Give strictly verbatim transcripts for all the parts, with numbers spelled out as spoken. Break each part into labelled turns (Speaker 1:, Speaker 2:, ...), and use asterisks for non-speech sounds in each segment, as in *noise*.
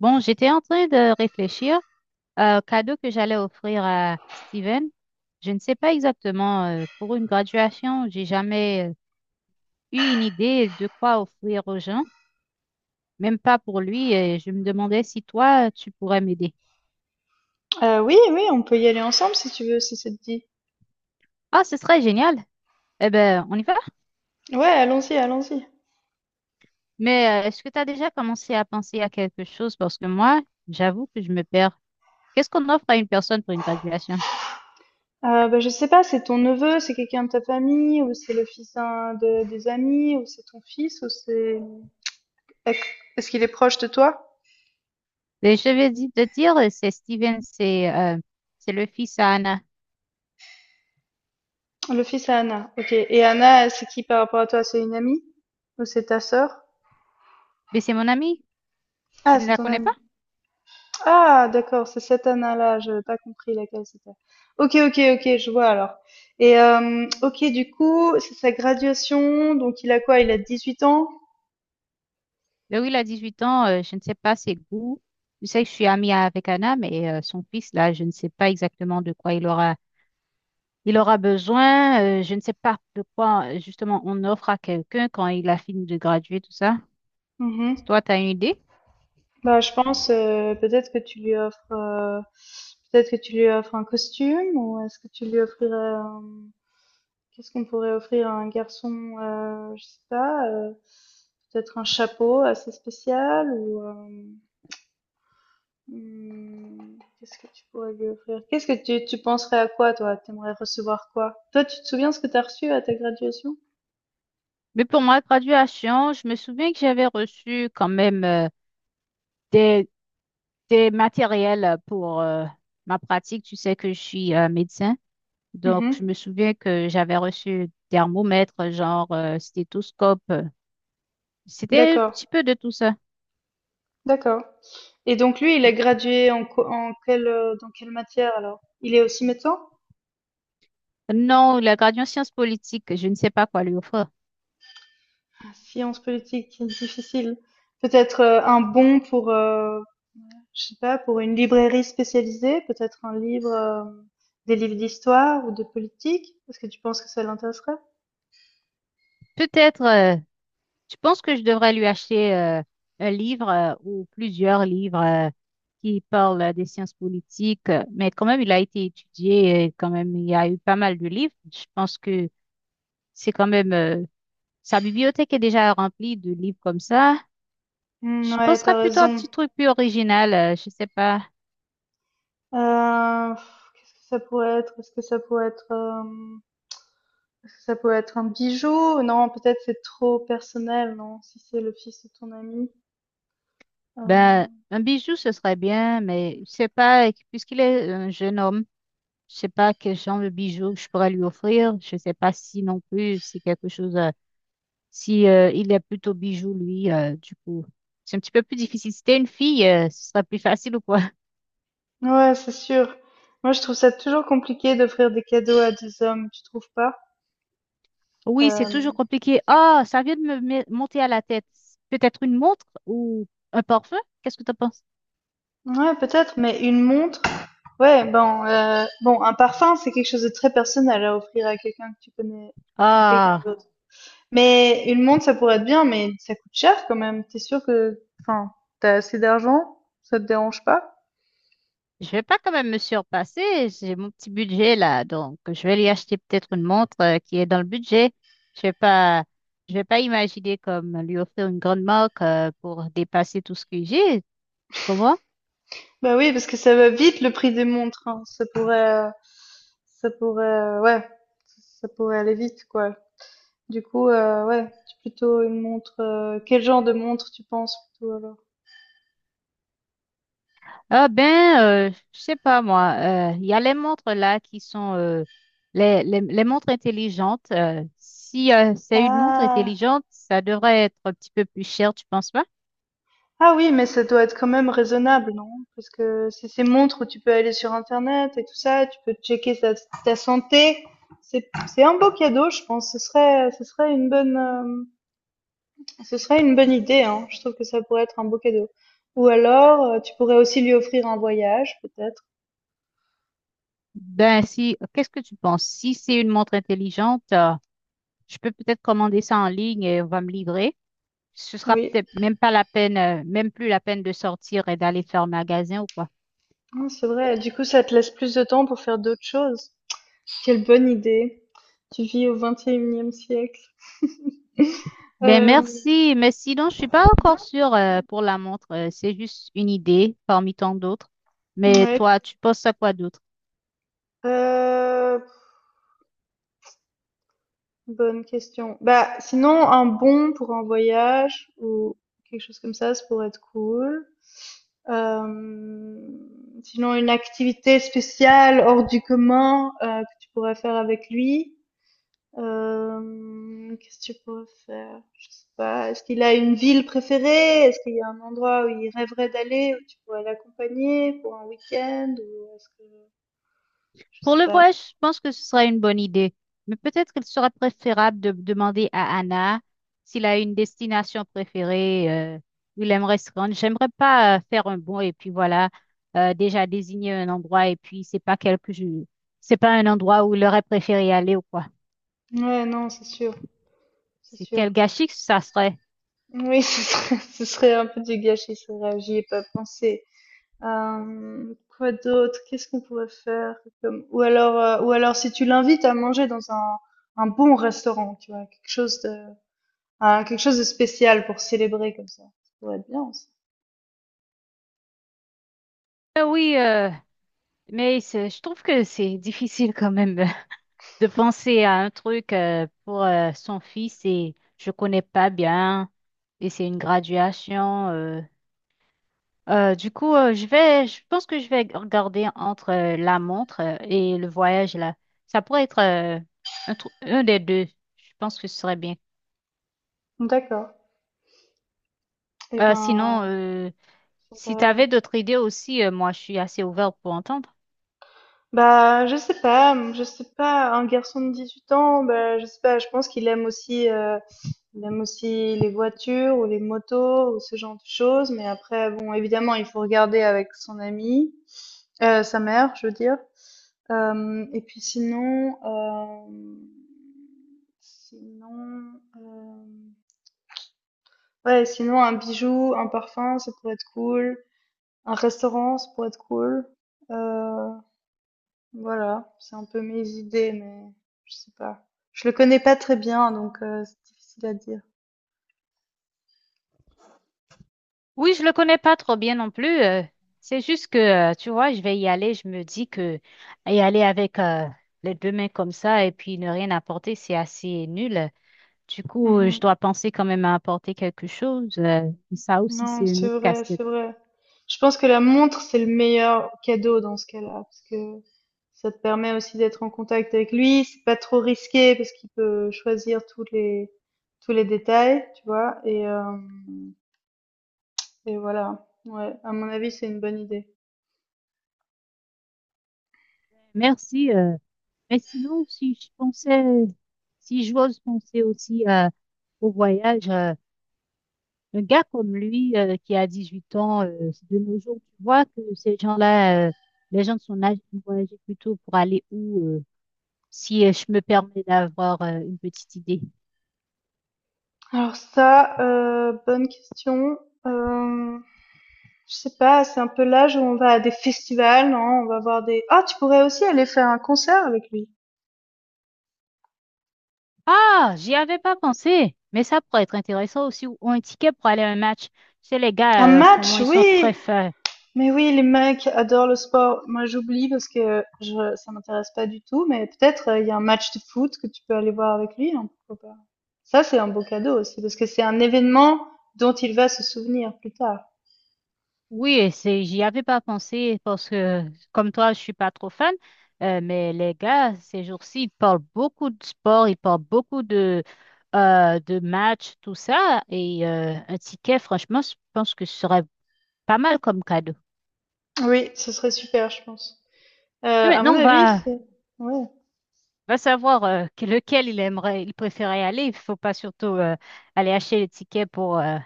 Speaker 1: Bon, j'étais en train de réfléchir euh, au cadeau que j'allais offrir à Steven. Je ne sais pas exactement, euh, pour une graduation, j'ai jamais euh, eu une idée de quoi offrir aux gens, même pas pour lui. Et je me demandais si toi, tu pourrais m'aider.
Speaker 2: Heu, oui, oui, on peut y aller ensemble si tu veux, si ça te dit.
Speaker 1: Ah, ce serait génial. Eh ben, on y va.
Speaker 2: Ouais, allons-y, allons-y.
Speaker 1: Mais euh, est-ce que tu as déjà commencé à penser à quelque chose? Parce que moi, j'avoue que je me perds. Qu'est-ce qu'on offre à une personne pour une graduation?
Speaker 2: Heu, bah, je sais pas, c'est ton neveu, c'est quelqu'un de ta famille ou c'est le fils d'un de des amis ou c'est ton fils ou c'est est-ce est-ce qu'il est proche de toi?
Speaker 1: Et je vais di- te dire, c'est Steven, c'est euh, c'est le fils à Anna.
Speaker 2: Le fils à Anna, OK et Anna, c'est qui par rapport à toi? C'est une amie? Ou c'est ta sœur?
Speaker 1: Mais c'est mon ami. Tu
Speaker 2: Ah,
Speaker 1: ne
Speaker 2: c'est
Speaker 1: la
Speaker 2: ton
Speaker 1: connais pas?
Speaker 2: amie. Ah d'accord, c'est cette Anna-là, je n'avais pas compris laquelle c'était. OK, OK, OK, je vois alors et hem, OK, du coup, c'est sa graduation, donc il a quoi? Il a dix-huit ans?
Speaker 1: Laurie, il a huit ans, euh, je ne sais pas ses goûts. Je sais que je suis amie avec Anna, mais euh, son fils, là, je ne sais pas exactement de quoi il aura, il aura besoin. Euh, je ne sais pas de quoi, euh, justement, on offre à quelqu'un quand il a fini de graduer, tout ça.
Speaker 2: Mmh.
Speaker 1: Toi, tu as une idée?
Speaker 2: Bah, je pense euh, peut-être que tu lui offres euh, peut-être que tu lui offres un costume ou est-ce que tu lui offrirais un- qu'est-ce qu'on pourrait offrir à un garçon euh, je sais pas euh, peut-être un chapeau assez spécial ou euh, hmm, qu'est-ce que tu pourrais lui offrir? Qu'est-ce que tu tu penserais à quoi toi? T'aimerais recevoir quoi? Toi, tu te souviens ce que t'as reçu à ta graduation?
Speaker 1: Mais pour ma graduation, je me souviens que j'avais reçu quand même, euh, des, des matériels pour euh, ma pratique. Tu sais que je suis euh, médecin. Donc, je
Speaker 2: Mhm.
Speaker 1: me souviens que j'avais reçu thermomètre, genre euh, stéthoscope. euh, C'était un
Speaker 2: D'accord,
Speaker 1: petit peu de tout ça.
Speaker 2: d'accord. Et donc lui, il est gradué en, co- en quelle euh, dans quelle matière alors? Il est aussi médecin?
Speaker 1: Non, la gradient sciences politiques, je ne sais pas quoi lui offrir.
Speaker 2: Science politique difficile. Peut-être euh, un bon pour, euh, je sais pas, pour une librairie spécialisée, peut-être un livre, euh, des livres d'histoire ou de politique. Est-ce que tu penses que ça l'intéresserait?
Speaker 1: Peut-être, euh, je pense que je devrais lui acheter euh, un livre euh, ou plusieurs livres euh, qui parlent euh, des sciences politiques, euh, mais quand même, il a été étudié, et quand même, il y a eu pas mal de livres. Je pense que c'est quand même, euh, sa bibliothèque est déjà remplie de livres comme ça.
Speaker 2: Hmm,
Speaker 1: Je
Speaker 2: ouais,
Speaker 1: penserais
Speaker 2: t'as
Speaker 1: plutôt à un
Speaker 2: raison.
Speaker 1: petit truc plus original, euh, je sais pas.
Speaker 2: Euh, pff, qu'est-ce que ça pourrait être? Est-ce que ça pourrait être, euh, est-ce que ça pourrait être un bijou? Non, peut-être c'est trop personnel, non? Si c'est le fils de ton ami. Euh,
Speaker 1: Ben, un bijou, ce serait bien, mais je sais pas, euh, puisqu'il est un jeune homme, je sais pas quel genre de bijou je pourrais lui offrir. Je sais pas si non plus c'est quelque chose. euh, Si euh, il est plutôt bijou, lui, euh, du coup, c'est un petit peu plus difficile. Si t'es une fille, euh, ce sera plus facile ou quoi? *laughs*
Speaker 2: ouais, c'est sûr. Moi, je trouve ça toujours compliqué d'offrir des cadeaux à des hommes, tu trouves pas?
Speaker 1: Oui, c'est toujours
Speaker 2: Euh,
Speaker 1: compliqué. Ah, ça vient de me me- monter à la tête. Peut-être une montre ou un parfum? Qu'est-ce que t'en penses?
Speaker 2: Ouais, peut-être, mais une montre, ouais, bon, euh, bon, un parfum, c'est quelque chose de très personnel à offrir à quelqu'un que tu connais, à quelqu'un
Speaker 1: Ah.
Speaker 2: d'autre. Mais une montre, ça pourrait être bien, mais ça coûte cher quand même. T'es sûr que, enfin, t'as assez d'argent? Ça te dérange pas?
Speaker 1: Je vais pas quand même me surpasser. J'ai mon petit budget là, donc je vais lui acheter peut-être une montre euh, qui est dans le budget. Je vais pas, je vais pas imaginer comme lui offrir une grande marque euh, pour dépasser tout ce que j'ai. Tu comprends?
Speaker 2: Bah oui, parce que ça va vite le prix des montres, hein. Ça pourrait, euh, ça pourrait, euh, ouais, ça pourrait aller vite, quoi. Du coup, euh, ouais, c'est plutôt une montre. Euh, quel genre de montre tu penses plutôt
Speaker 1: Ah ben, euh, je sais pas moi. euh, Il y a les montres là qui sont euh, les, les, les montres intelligentes. Euh, si euh, c'est une montre
Speaker 2: alors?
Speaker 1: intelligente, ça devrait être un petit peu plus cher, tu penses pas?
Speaker 2: Ah oui, mais ça doit être quand même raisonnable, non? Parce que c'est ces montres où tu peux aller sur Internet et tout ça, tu peux checker ta, ta santé. C'est, c'est un beau cadeau, je pense. Ce serait, ce serait une bonne, euh, ce serait une bonne idée, hein. Je trouve que ça pourrait être un beau cadeau. Ou alors, euh, tu pourrais aussi lui offrir un voyage, peut-être.
Speaker 1: Ben si, qu'est-ce que tu penses? Si c'est une montre intelligente, euh, je peux peut-être commander ça en ligne et on va me livrer. Ce sera
Speaker 2: Oui,
Speaker 1: peut-être même pas la peine, euh, même plus la peine de sortir et d'aller faire magasin ou quoi.
Speaker 2: hum, c'est vrai. Du coup, ça te laisse plus de temps pour faire d'autres choses. Quelle bonne idée. Tu vis au vingt et unième siècle. *laughs*
Speaker 1: Ben
Speaker 2: Euh,
Speaker 1: merci, mais sinon je suis pas encore sûre euh, pour la montre. Euh, c'est juste une idée parmi tant d'autres. Mais
Speaker 2: ouais.
Speaker 1: toi, tu penses à quoi d'autre?
Speaker 2: Euh, Bonne question. Bah, sinon, un bon pour un voyage ou quelque chose comme ça, ça pourrait être cool. Euh, Sinon, une activité spéciale hors du commun euh, que tu pourrais faire avec lui. Euh, qu'est-ce que tu pourrais faire? Je sais pas. Est-ce qu'il a une ville préférée? Est-ce qu'il y a un endroit où il rêverait d'aller, où tu pourrais l'accompagner pour un week-end? Ou est-ce que... je
Speaker 1: Pour
Speaker 2: sais
Speaker 1: le
Speaker 2: pas.
Speaker 1: voyage, je pense que ce sera une bonne idée. Mais peut-être qu'il sera préférable de demander à Anna s'il a une destination préférée, euh, où il aimerait se rendre. J'aimerais pas euh, faire un bond et puis voilà, euh, déjà désigner un endroit et puis c'est pas quelque, je- c'est pas un endroit où il aurait préféré aller ou quoi.
Speaker 2: Ouais, non, c'est sûr. C'est
Speaker 1: C'est
Speaker 2: sûr.
Speaker 1: quel gâchis que ça serait?
Speaker 2: Oui, *laughs* ce serait, ce serait un peu du gâchis, c'est vrai, j'y ai pas pensé. Euh, quoi d'autre? Qu'est-ce qu'on pourrait faire comme... ou alors, euh, ou alors si tu l'invites à manger dans un, un bon restaurant, tu vois, quelque chose de, un- quelque chose de spécial pour célébrer comme ça. Ça pourrait être bien aussi.
Speaker 1: Euh, oui, euh, mais c'est- je trouve que c'est difficile quand même, euh, *laughs* de penser à un truc euh, pour euh, son fils et je connais pas bien et c'est une graduation. euh, Euh, du coup, euh, je vais, je pense que je vais regarder entre euh, la montre euh, et le voyage là. Ça pourrait être euh, un, trou- un des deux. Je pense que ce serait bien.
Speaker 2: D'accord. Eh
Speaker 1: Euh, sinon,
Speaker 2: ben,
Speaker 1: euh, si tu avais d'autres idées aussi, euh, moi, je suis assez ouverte pour entendre.
Speaker 2: bah, je sais pas, mmh, je sais pas, un garçon de dix-huit ans, bah, je sais pas, je pense qu'il aime aussi, heu, il aime aussi les voitures ou les motos ou ce genre de choses, mais après bon, évidemment, il faut regarder avec son ami, heu, sa mère, je veux dire. Hem, et puis sinon, hem, sinon, hem, ouais, sinon un bijou, un parfum, ça pourrait être cool, un restaurant, ça pourrait être cool, heu voilà, c'est un peu mes idées, mais je sais pas. Je le connais pas très bien, donc euh, c'est difficile à dire.
Speaker 1: Oui, je le connais pas trop bien non plus. Euh, c'est juste que, euh, tu vois, je vais y aller. Je me dis que y aller avec euh, les deux mains comme ça et puis ne rien apporter, c'est assez nul. Du coup, euh, je
Speaker 2: Mhm.
Speaker 1: dois penser quand même à apporter quelque chose. Euh, ça aussi, c'est
Speaker 2: Non,
Speaker 1: une
Speaker 2: c'est
Speaker 1: autre
Speaker 2: vrai, c'est
Speaker 1: casse-tête.
Speaker 2: vrai. Je pense que la montre, c'est le meilleur cadeau dans ce cas-là, parce que ça te permet aussi d'être en contact avec lui. C'est pas trop risqué parce qu'il peut choisir tous les tous les détails, tu vois. Et euh, et voilà. Ouais, à mon avis, c'est une bonne idée.
Speaker 1: Merci. Euh, mais sinon, si je pensais, si j'ose penser aussi euh, au voyage, euh, un gars comme lui, euh, qui a dix-huit ans, euh, de nos jours, tu vois que ces gens-là, euh, les gens de son âge, ils vont agir plutôt pour aller où, euh, si euh, je me permets d'avoir euh, une petite idée.
Speaker 2: Alors ça, euh, bonne question. Euh, Je sais pas, c'est un peu l'âge où on va à des festivals, non? On va voir des... ah, tu pourrais aussi aller faire un concert avec lui.
Speaker 1: Ah, j'y avais pas pensé, mais ça pourrait être intéressant aussi, ou un ticket pour aller à un match. Tu sais, les
Speaker 2: Un
Speaker 1: gars, euh, en ce moment,
Speaker 2: match,
Speaker 1: ils sont
Speaker 2: oui!
Speaker 1: très forts.
Speaker 2: Mais oui, les mecs adorent le sport. Moi, j'oublie parce que je, ça m'intéresse pas du tout, mais peut-être euh, il y a un match de foot que tu peux aller voir avec lui, hein, pourquoi pas. Ça, c'est un beau cadeau aussi parce que c'est un événement dont il va se souvenir plus tard.
Speaker 1: Oui, c'est, j'y avais pas pensé parce que, comme toi, je suis pas trop fan, euh, mais les gars, ces jours-ci, ils parlent beaucoup de sport, ils parlent beaucoup de, euh, de matchs, tout ça, et euh, un ticket, franchement, je pense que ce serait pas mal comme cadeau.
Speaker 2: Oui, ce serait super, je pense.
Speaker 1: Mais
Speaker 2: Euh, à mon
Speaker 1: maintenant, on
Speaker 2: avis,
Speaker 1: va,
Speaker 2: c'est... ouais.
Speaker 1: va savoir euh, que- lequel il aimerait, il préférait aller. Il faut pas surtout euh, aller acheter les tickets pour euh,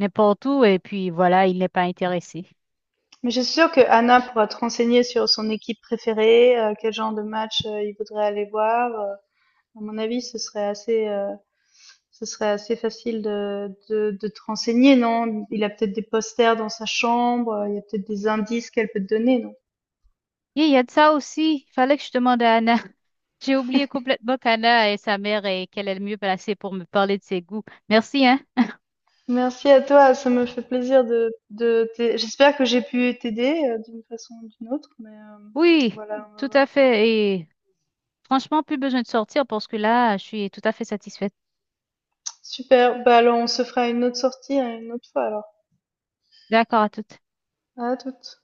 Speaker 1: n'importe où et puis voilà, il n'est pas intéressé.
Speaker 2: Mais je suis sûre que Anna pourra te renseigner sur son équipe préférée, euh, quel genre de match euh, il voudrait aller voir. Euh, à mon avis, ce serait assez, euh, ce serait assez facile de, de, de te renseigner, non? Il a peut-être des posters dans sa chambre, euh, il y a peut-être des indices qu'elle peut te donner, non?
Speaker 1: Et il y a de ça aussi. Il fallait que je demande à Anna. *laughs* J'ai oublié complètement qu'Anna est sa mère et qu'elle est le mieux placée pour me parler de ses goûts. Merci, hein?
Speaker 2: Merci à toi, ça me fait plaisir de, de t'aider. J'espère que j'ai pu t'aider euh, d'une façon ou d'une autre, mais euh,
Speaker 1: Oui,
Speaker 2: voilà, on va
Speaker 1: tout
Speaker 2: voir.
Speaker 1: à fait. Et franchement, plus besoin de sortir parce que là, je suis tout à fait satisfaite.
Speaker 2: Super, bah alors on se fera une autre sortie, hein, une autre fois alors.
Speaker 1: D'accord à toutes.
Speaker 2: À toutes.